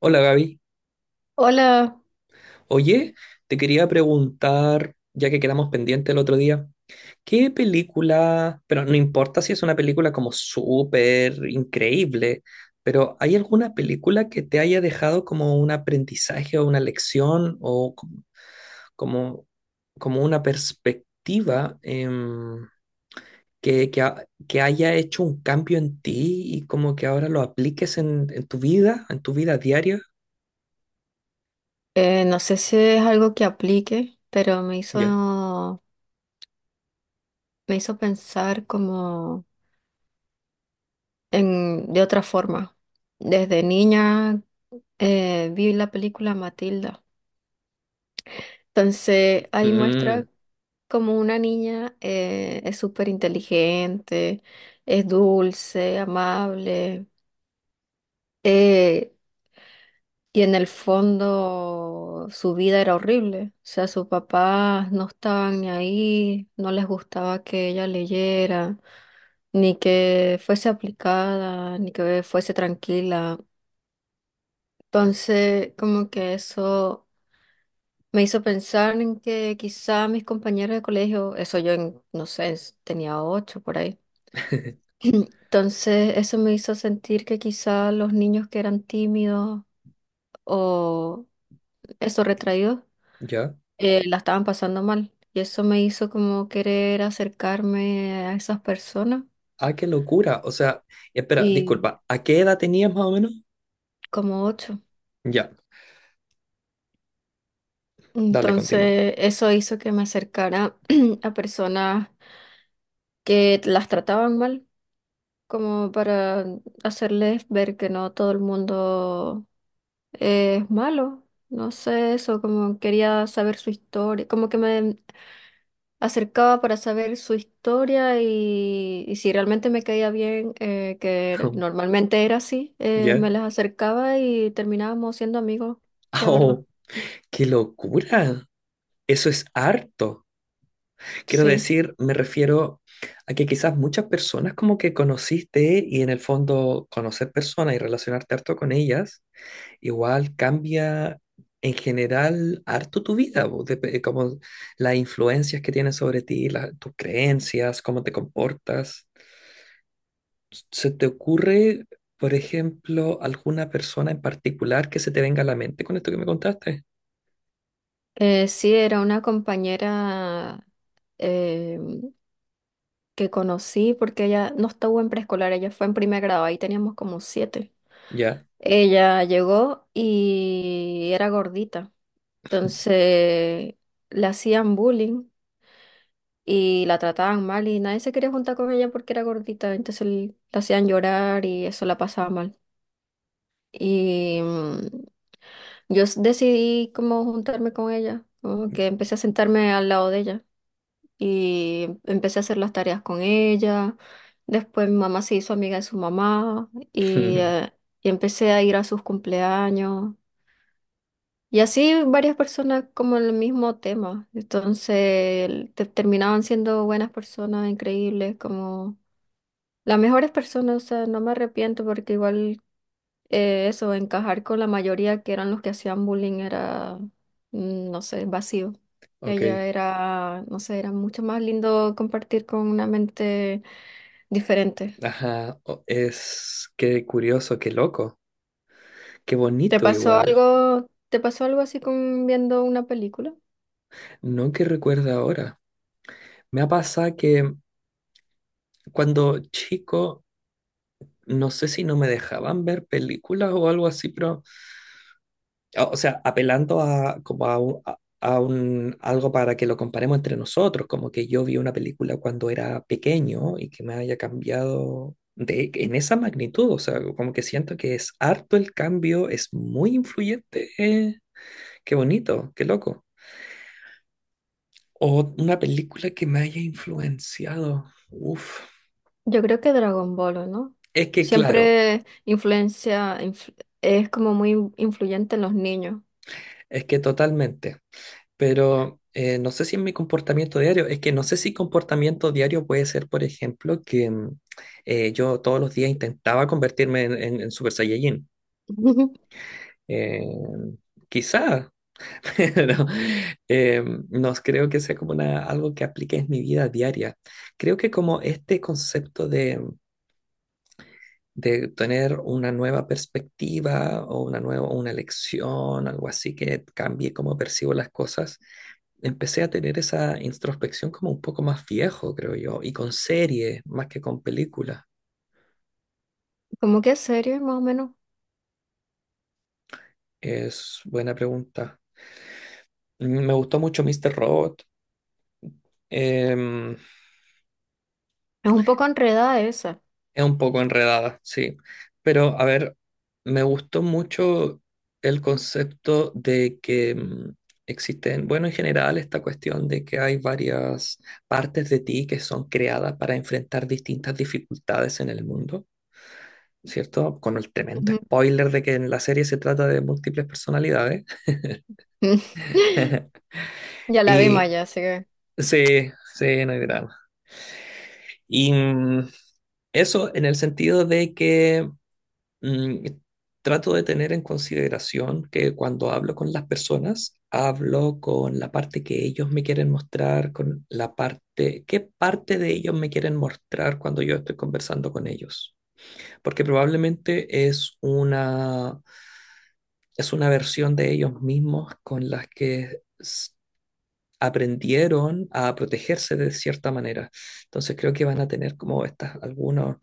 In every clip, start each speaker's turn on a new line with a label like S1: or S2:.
S1: Hola, Gaby.
S2: Hola,
S1: Oye, te quería preguntar, ya que quedamos pendientes el otro día, ¿qué película... pero no importa si es una película como súper increíble, pero ¿hay alguna película que te haya dejado como un aprendizaje o una lección o como, como una perspectiva que haya hecho un cambio en ti y como que ahora lo apliques en tu vida diaria?
S2: no sé si es algo que aplique, pero me
S1: Ya.
S2: hizo, me hizo pensar como en, de otra forma. Desde niña vi la película Matilda. Entonces ahí muestra
S1: Mm,
S2: como una niña es súper inteligente, es dulce, amable. Eh, y en el fondo su vida era horrible. O sea, sus papás no estaban ni ahí, no les gustaba que ella leyera, ni que fuese aplicada, ni que fuese tranquila. Entonces, como que eso me hizo pensar en que quizá mis compañeros de colegio, eso yo, no sé, tenía 8 por ahí. Entonces, eso me hizo sentir que quizá los niños que eran tímidos o esos retraídos,
S1: ya.
S2: la estaban pasando mal. Y eso me hizo como querer acercarme a esas personas.
S1: Ah, qué locura. O sea, espera,
S2: Y
S1: disculpa, ¿a qué edad tenías más o menos?
S2: como 8.
S1: Ya, dale, continúa.
S2: Entonces, eso hizo que me acercara a personas que las trataban mal, como para hacerles ver que no todo el mundo es malo. No sé, eso, como quería saber su historia, como que me acercaba para saber su historia y si realmente me caía bien, que normalmente era así, me
S1: ¿Ya?
S2: las acercaba y terminábamos siendo amigos, la verdad.
S1: Oh, qué locura. Eso es harto. Quiero
S2: Sí.
S1: decir, me refiero a que quizás muchas personas como que conociste, y en el fondo, conocer personas y relacionarte harto con ellas igual cambia en general harto tu vida, po, como las influencias que tienen sobre ti, tus creencias, cómo te comportas. ¿Se te ocurre, por ejemplo, alguna persona en particular que se te venga a la mente con esto que me contaste?
S2: Sí, era una compañera eh, que conocí porque ella no estuvo en preescolar, ella fue en primer grado, ahí teníamos como 7.
S1: Ya.
S2: Ella llegó y era gordita, entonces le hacían bullying y la trataban mal y nadie se quería juntar con ella porque era gordita, entonces la hacían llorar y eso la pasaba mal. Y yo decidí como juntarme con ella, como que empecé a sentarme al lado de ella. Y empecé a hacer las tareas con ella. Después mi mamá se hizo amiga de su mamá y empecé a ir a sus cumpleaños. Y así varias personas como el mismo tema. Entonces terminaban siendo buenas personas, increíbles, como las mejores personas. O sea, no me arrepiento porque igual eso, encajar con la mayoría que eran los que hacían bullying era, no sé, vacío. Ella
S1: Ok.
S2: era, no sé, era mucho más lindo compartir con una mente diferente.
S1: Ajá. Es qué curioso, qué loco, qué bonito igual.
S2: Te pasó algo así con viendo una película?
S1: No que recuerda ahora. Me ha pasado que cuando chico, no sé si no me dejaban ver películas o algo así, pero... O sea, apelando a, como a, algo para que lo comparemos entre nosotros, como que yo vi una película cuando era pequeño y que me haya cambiado de, en esa magnitud. O sea, como que siento que es harto el cambio, es muy influyente. Qué bonito, qué loco. O una película que me haya influenciado, uf,
S2: Yo creo que Dragon Ball, ¿o no?
S1: es que claro,
S2: Siempre influencia, influ- es como muy influyente en los niños.
S1: es que totalmente. Pero no sé si en mi comportamiento diario, es que no sé si comportamiento diario puede ser, por ejemplo, que yo todos los días intentaba convertirme en Super Saiyajin. Eh, Quizá, pero eh, no creo que sea como una, algo que aplique en mi vida diaria. Creo que como este concepto de tener una nueva perspectiva o una nueva, una lección, algo así que cambie cómo percibo las cosas, empecé a tener esa introspección como un poco más viejo, creo yo, y con series más que con películas.
S2: Como que es serio, más o menos.
S1: Es buena pregunta. Mm, me gustó mucho Mr. Robot. Em,
S2: Es un poco enredada esa.
S1: es un poco enredada, sí. Pero, a ver, me gustó mucho el concepto de que existen, bueno, en general, esta cuestión de que hay varias partes de ti que son creadas para enfrentar distintas dificultades en el mundo, ¿cierto? Con el tremendo
S2: Ujú.
S1: spoiler de que en la serie se trata de múltiples personalidades.
S2: Ya la vimos
S1: Y
S2: ya, así que
S1: sí, sí, no hay drama. Y eso en el sentido de que mm, trato de tener en consideración que cuando hablo con las personas, hablo con la parte que ellos me quieren mostrar, con la parte, qué parte de ellos me quieren mostrar cuando yo estoy conversando con ellos. Porque probablemente es una versión de ellos mismos con las que aprendieron a protegerse de cierta manera. Entonces creo que van a tener como estas, algunos,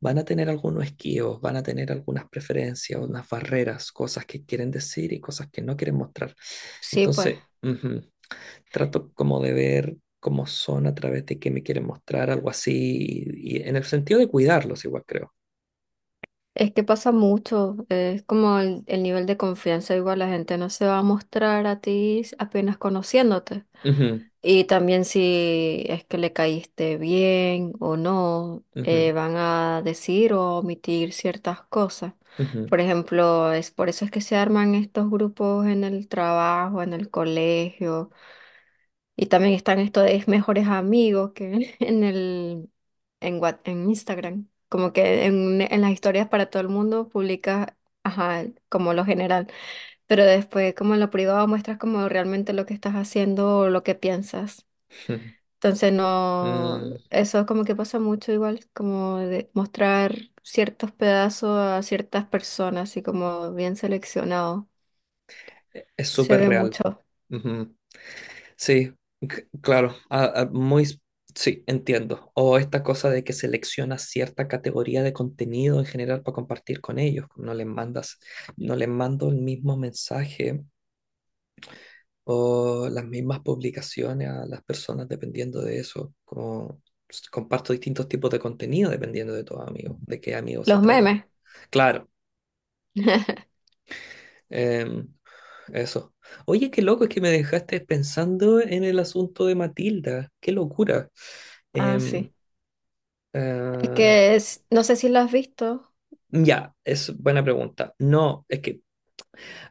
S1: van a tener algunos esquivos, van a tener algunas preferencias, unas barreras, cosas que quieren decir y cosas que no quieren mostrar.
S2: sí, pues.
S1: Entonces, ujú, trato como de ver cómo son a través de qué me quieren mostrar, algo así, y en el sentido de cuidarlos igual, creo.
S2: Es que pasa mucho, es como el nivel de confianza, igual la gente no se va a mostrar a ti apenas conociéndote.
S1: Ujú,
S2: Y también si es que le caíste bien o no,
S1: ujú,
S2: van a decir o omitir ciertas cosas.
S1: ujú,
S2: Por ejemplo, es por eso es que se arman estos grupos en el trabajo, en el colegio. Y también están estos de mejores amigos que en Instagram. Como que en las historias para todo el mundo publicas, ajá, como lo general. Pero después, como en lo privado, muestras como realmente lo que estás haciendo o lo que piensas.
S1: ujú.
S2: Entonces no,
S1: Mm.
S2: eso como que pasa mucho igual, como de mostrar ciertos pedazos a ciertas personas, así como bien seleccionado.
S1: Es
S2: Se
S1: súper
S2: ve
S1: real.
S2: mucho.
S1: Ujú. Sí, claro, muy, sí, entiendo. O esta cosa de que seleccionas cierta categoría de contenido en general para compartir con ellos. No les mando el mismo mensaje o las mismas publicaciones a las personas dependiendo de eso. Como comparto distintos tipos de contenido dependiendo de tu amigo, de qué amigo se
S2: Los
S1: trata.
S2: memes.
S1: Claro. Em, Eso. Oye, qué loco es que me dejaste pensando en el asunto de Matilda. Qué locura.
S2: Ah,
S1: Em,
S2: sí. Es
S1: ah,
S2: que no sé si lo has visto.
S1: ya, es buena pregunta. No, es que,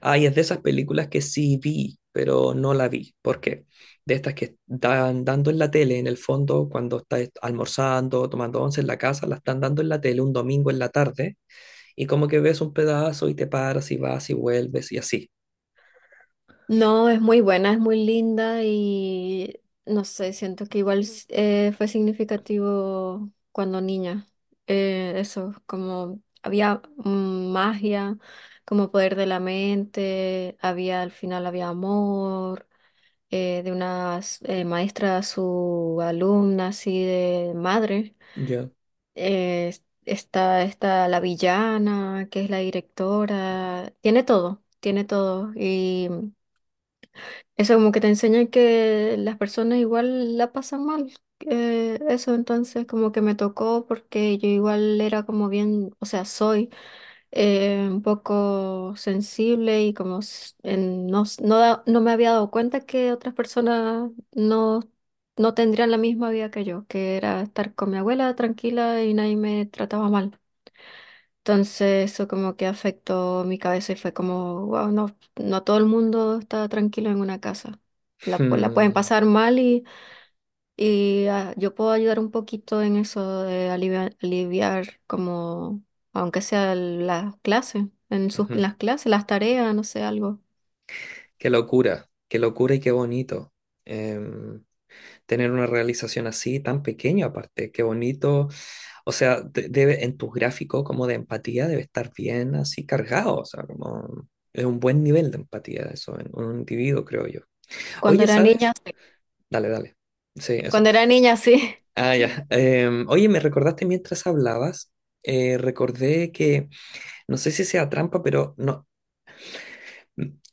S1: ay, es de esas películas que sí vi, pero no la vi. ¿Por qué? De estas que están dando en la tele, en el fondo, cuando estás almorzando, tomando once en la casa, la están dando en la tele un domingo en la tarde, y como que ves un pedazo y te paras y vas y vuelves y así.
S2: No, es muy buena, es muy linda y no sé, siento que igual fue significativo cuando niña. Eso, como había magia, como poder de la mente, había al final había amor de una maestra a su alumna, así de madre.
S1: Ya.
S2: Eh, está la villana, que es la directora, tiene todo y... Eso como que te enseña que las personas igual la pasan mal. Eso entonces como que me tocó porque yo igual era como bien, o sea, soy un poco sensible y como no, no, no me había dado cuenta que otras personas no, no tendrían la misma vida que yo, que era estar con mi abuela tranquila y nadie me trataba mal. Entonces eso como que afectó mi cabeza y fue como, wow, no, no todo el mundo está tranquilo en una casa. La pueden
S1: Hmm,
S2: pasar mal y ah, yo puedo ayudar un poquito en eso de aliviar, aliviar como, aunque sea las clases, en sus,
S1: ujú.
S2: las clases, las tareas, no sé, algo.
S1: Qué locura y qué bonito. em, Tener una realización así, tan pequeña aparte, qué bonito. O sea, debe... en tu gráfico como de empatía debe estar bien así cargado. O sea, como es un buen nivel de empatía eso en un individuo, creo yo.
S2: Cuando
S1: Oye,
S2: era niña,
S1: ¿sabes?
S2: sí.
S1: Dale, dale. Sí, eso.
S2: Cuando era niña, sí.
S1: Ah, ya. Oye, me recordaste mientras hablabas, recordé que, no sé si sea trampa, pero no,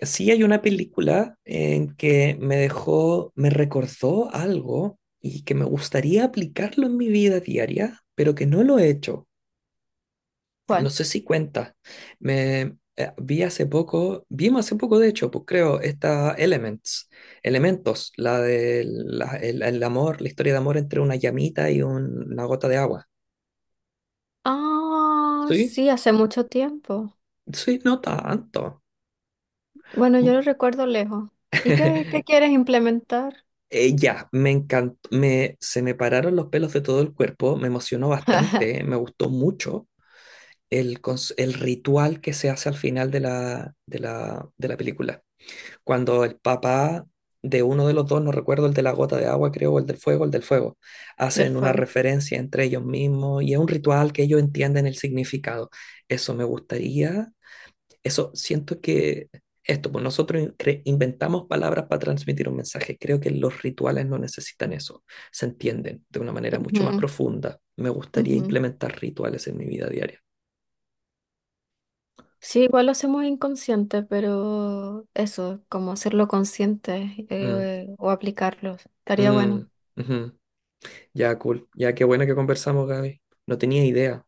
S1: sí, hay una película en que me dejó, me recordó algo y que me gustaría aplicarlo en mi vida diaria, pero que no lo he hecho. No
S2: ¿Cuál?
S1: sé si cuenta. Me Vi hace poco, vimos hace poco, de hecho, pues creo, esta Elements, Elementos, la del la- el amor, la historia de amor entre una llamita y una gota de agua.
S2: Ah,
S1: Sí,
S2: sí, hace mucho tiempo.
S1: sí, no tanto.
S2: Bueno, yo lo recuerdo lejos. ¿Y qué, qué quieres implementar
S1: Ya, me encantó, me, se me pararon los pelos de todo el cuerpo, me emocionó bastante, me gustó mucho el ritual que se hace al final de de la película. Cuando el papá de uno de los dos, no recuerdo, el de la gota de agua, creo, o el del fuego,
S2: del
S1: hacen una
S2: fuego?
S1: referencia entre ellos mismos y es un ritual que ellos entienden el significado. Eso me gustaría eso siento que esto, pues nosotros inventamos palabras para transmitir un mensaje. Creo que los rituales no necesitan eso. Se entienden de una manera mucho más profunda. Me gustaría
S2: Ujú.
S1: implementar rituales en mi vida diaria.
S2: Sí, igual lo hacemos inconsciente, pero eso, como hacerlo consciente
S1: Mm,
S2: o aplicarlo, estaría
S1: mm,
S2: bueno.
S1: ujú. Ya, cool. Ya, qué bueno que conversamos, Gaby. No tenía idea.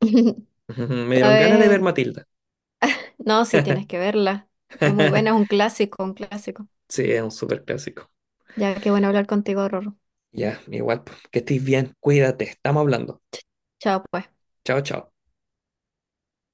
S1: Ujú, ujú. Me
S2: Cada
S1: dieron ganas de ver
S2: vez,
S1: Matilda.
S2: no, sí tienes que verla. Es muy buena, es un clásico, un clásico.
S1: Sí, es un súper clásico.
S2: Ya que bueno hablar contigo, Rorro.
S1: Ya, igual, pues, que estés bien. Cuídate. Estamos hablando.
S2: Chao, pues.
S1: Chao, chao.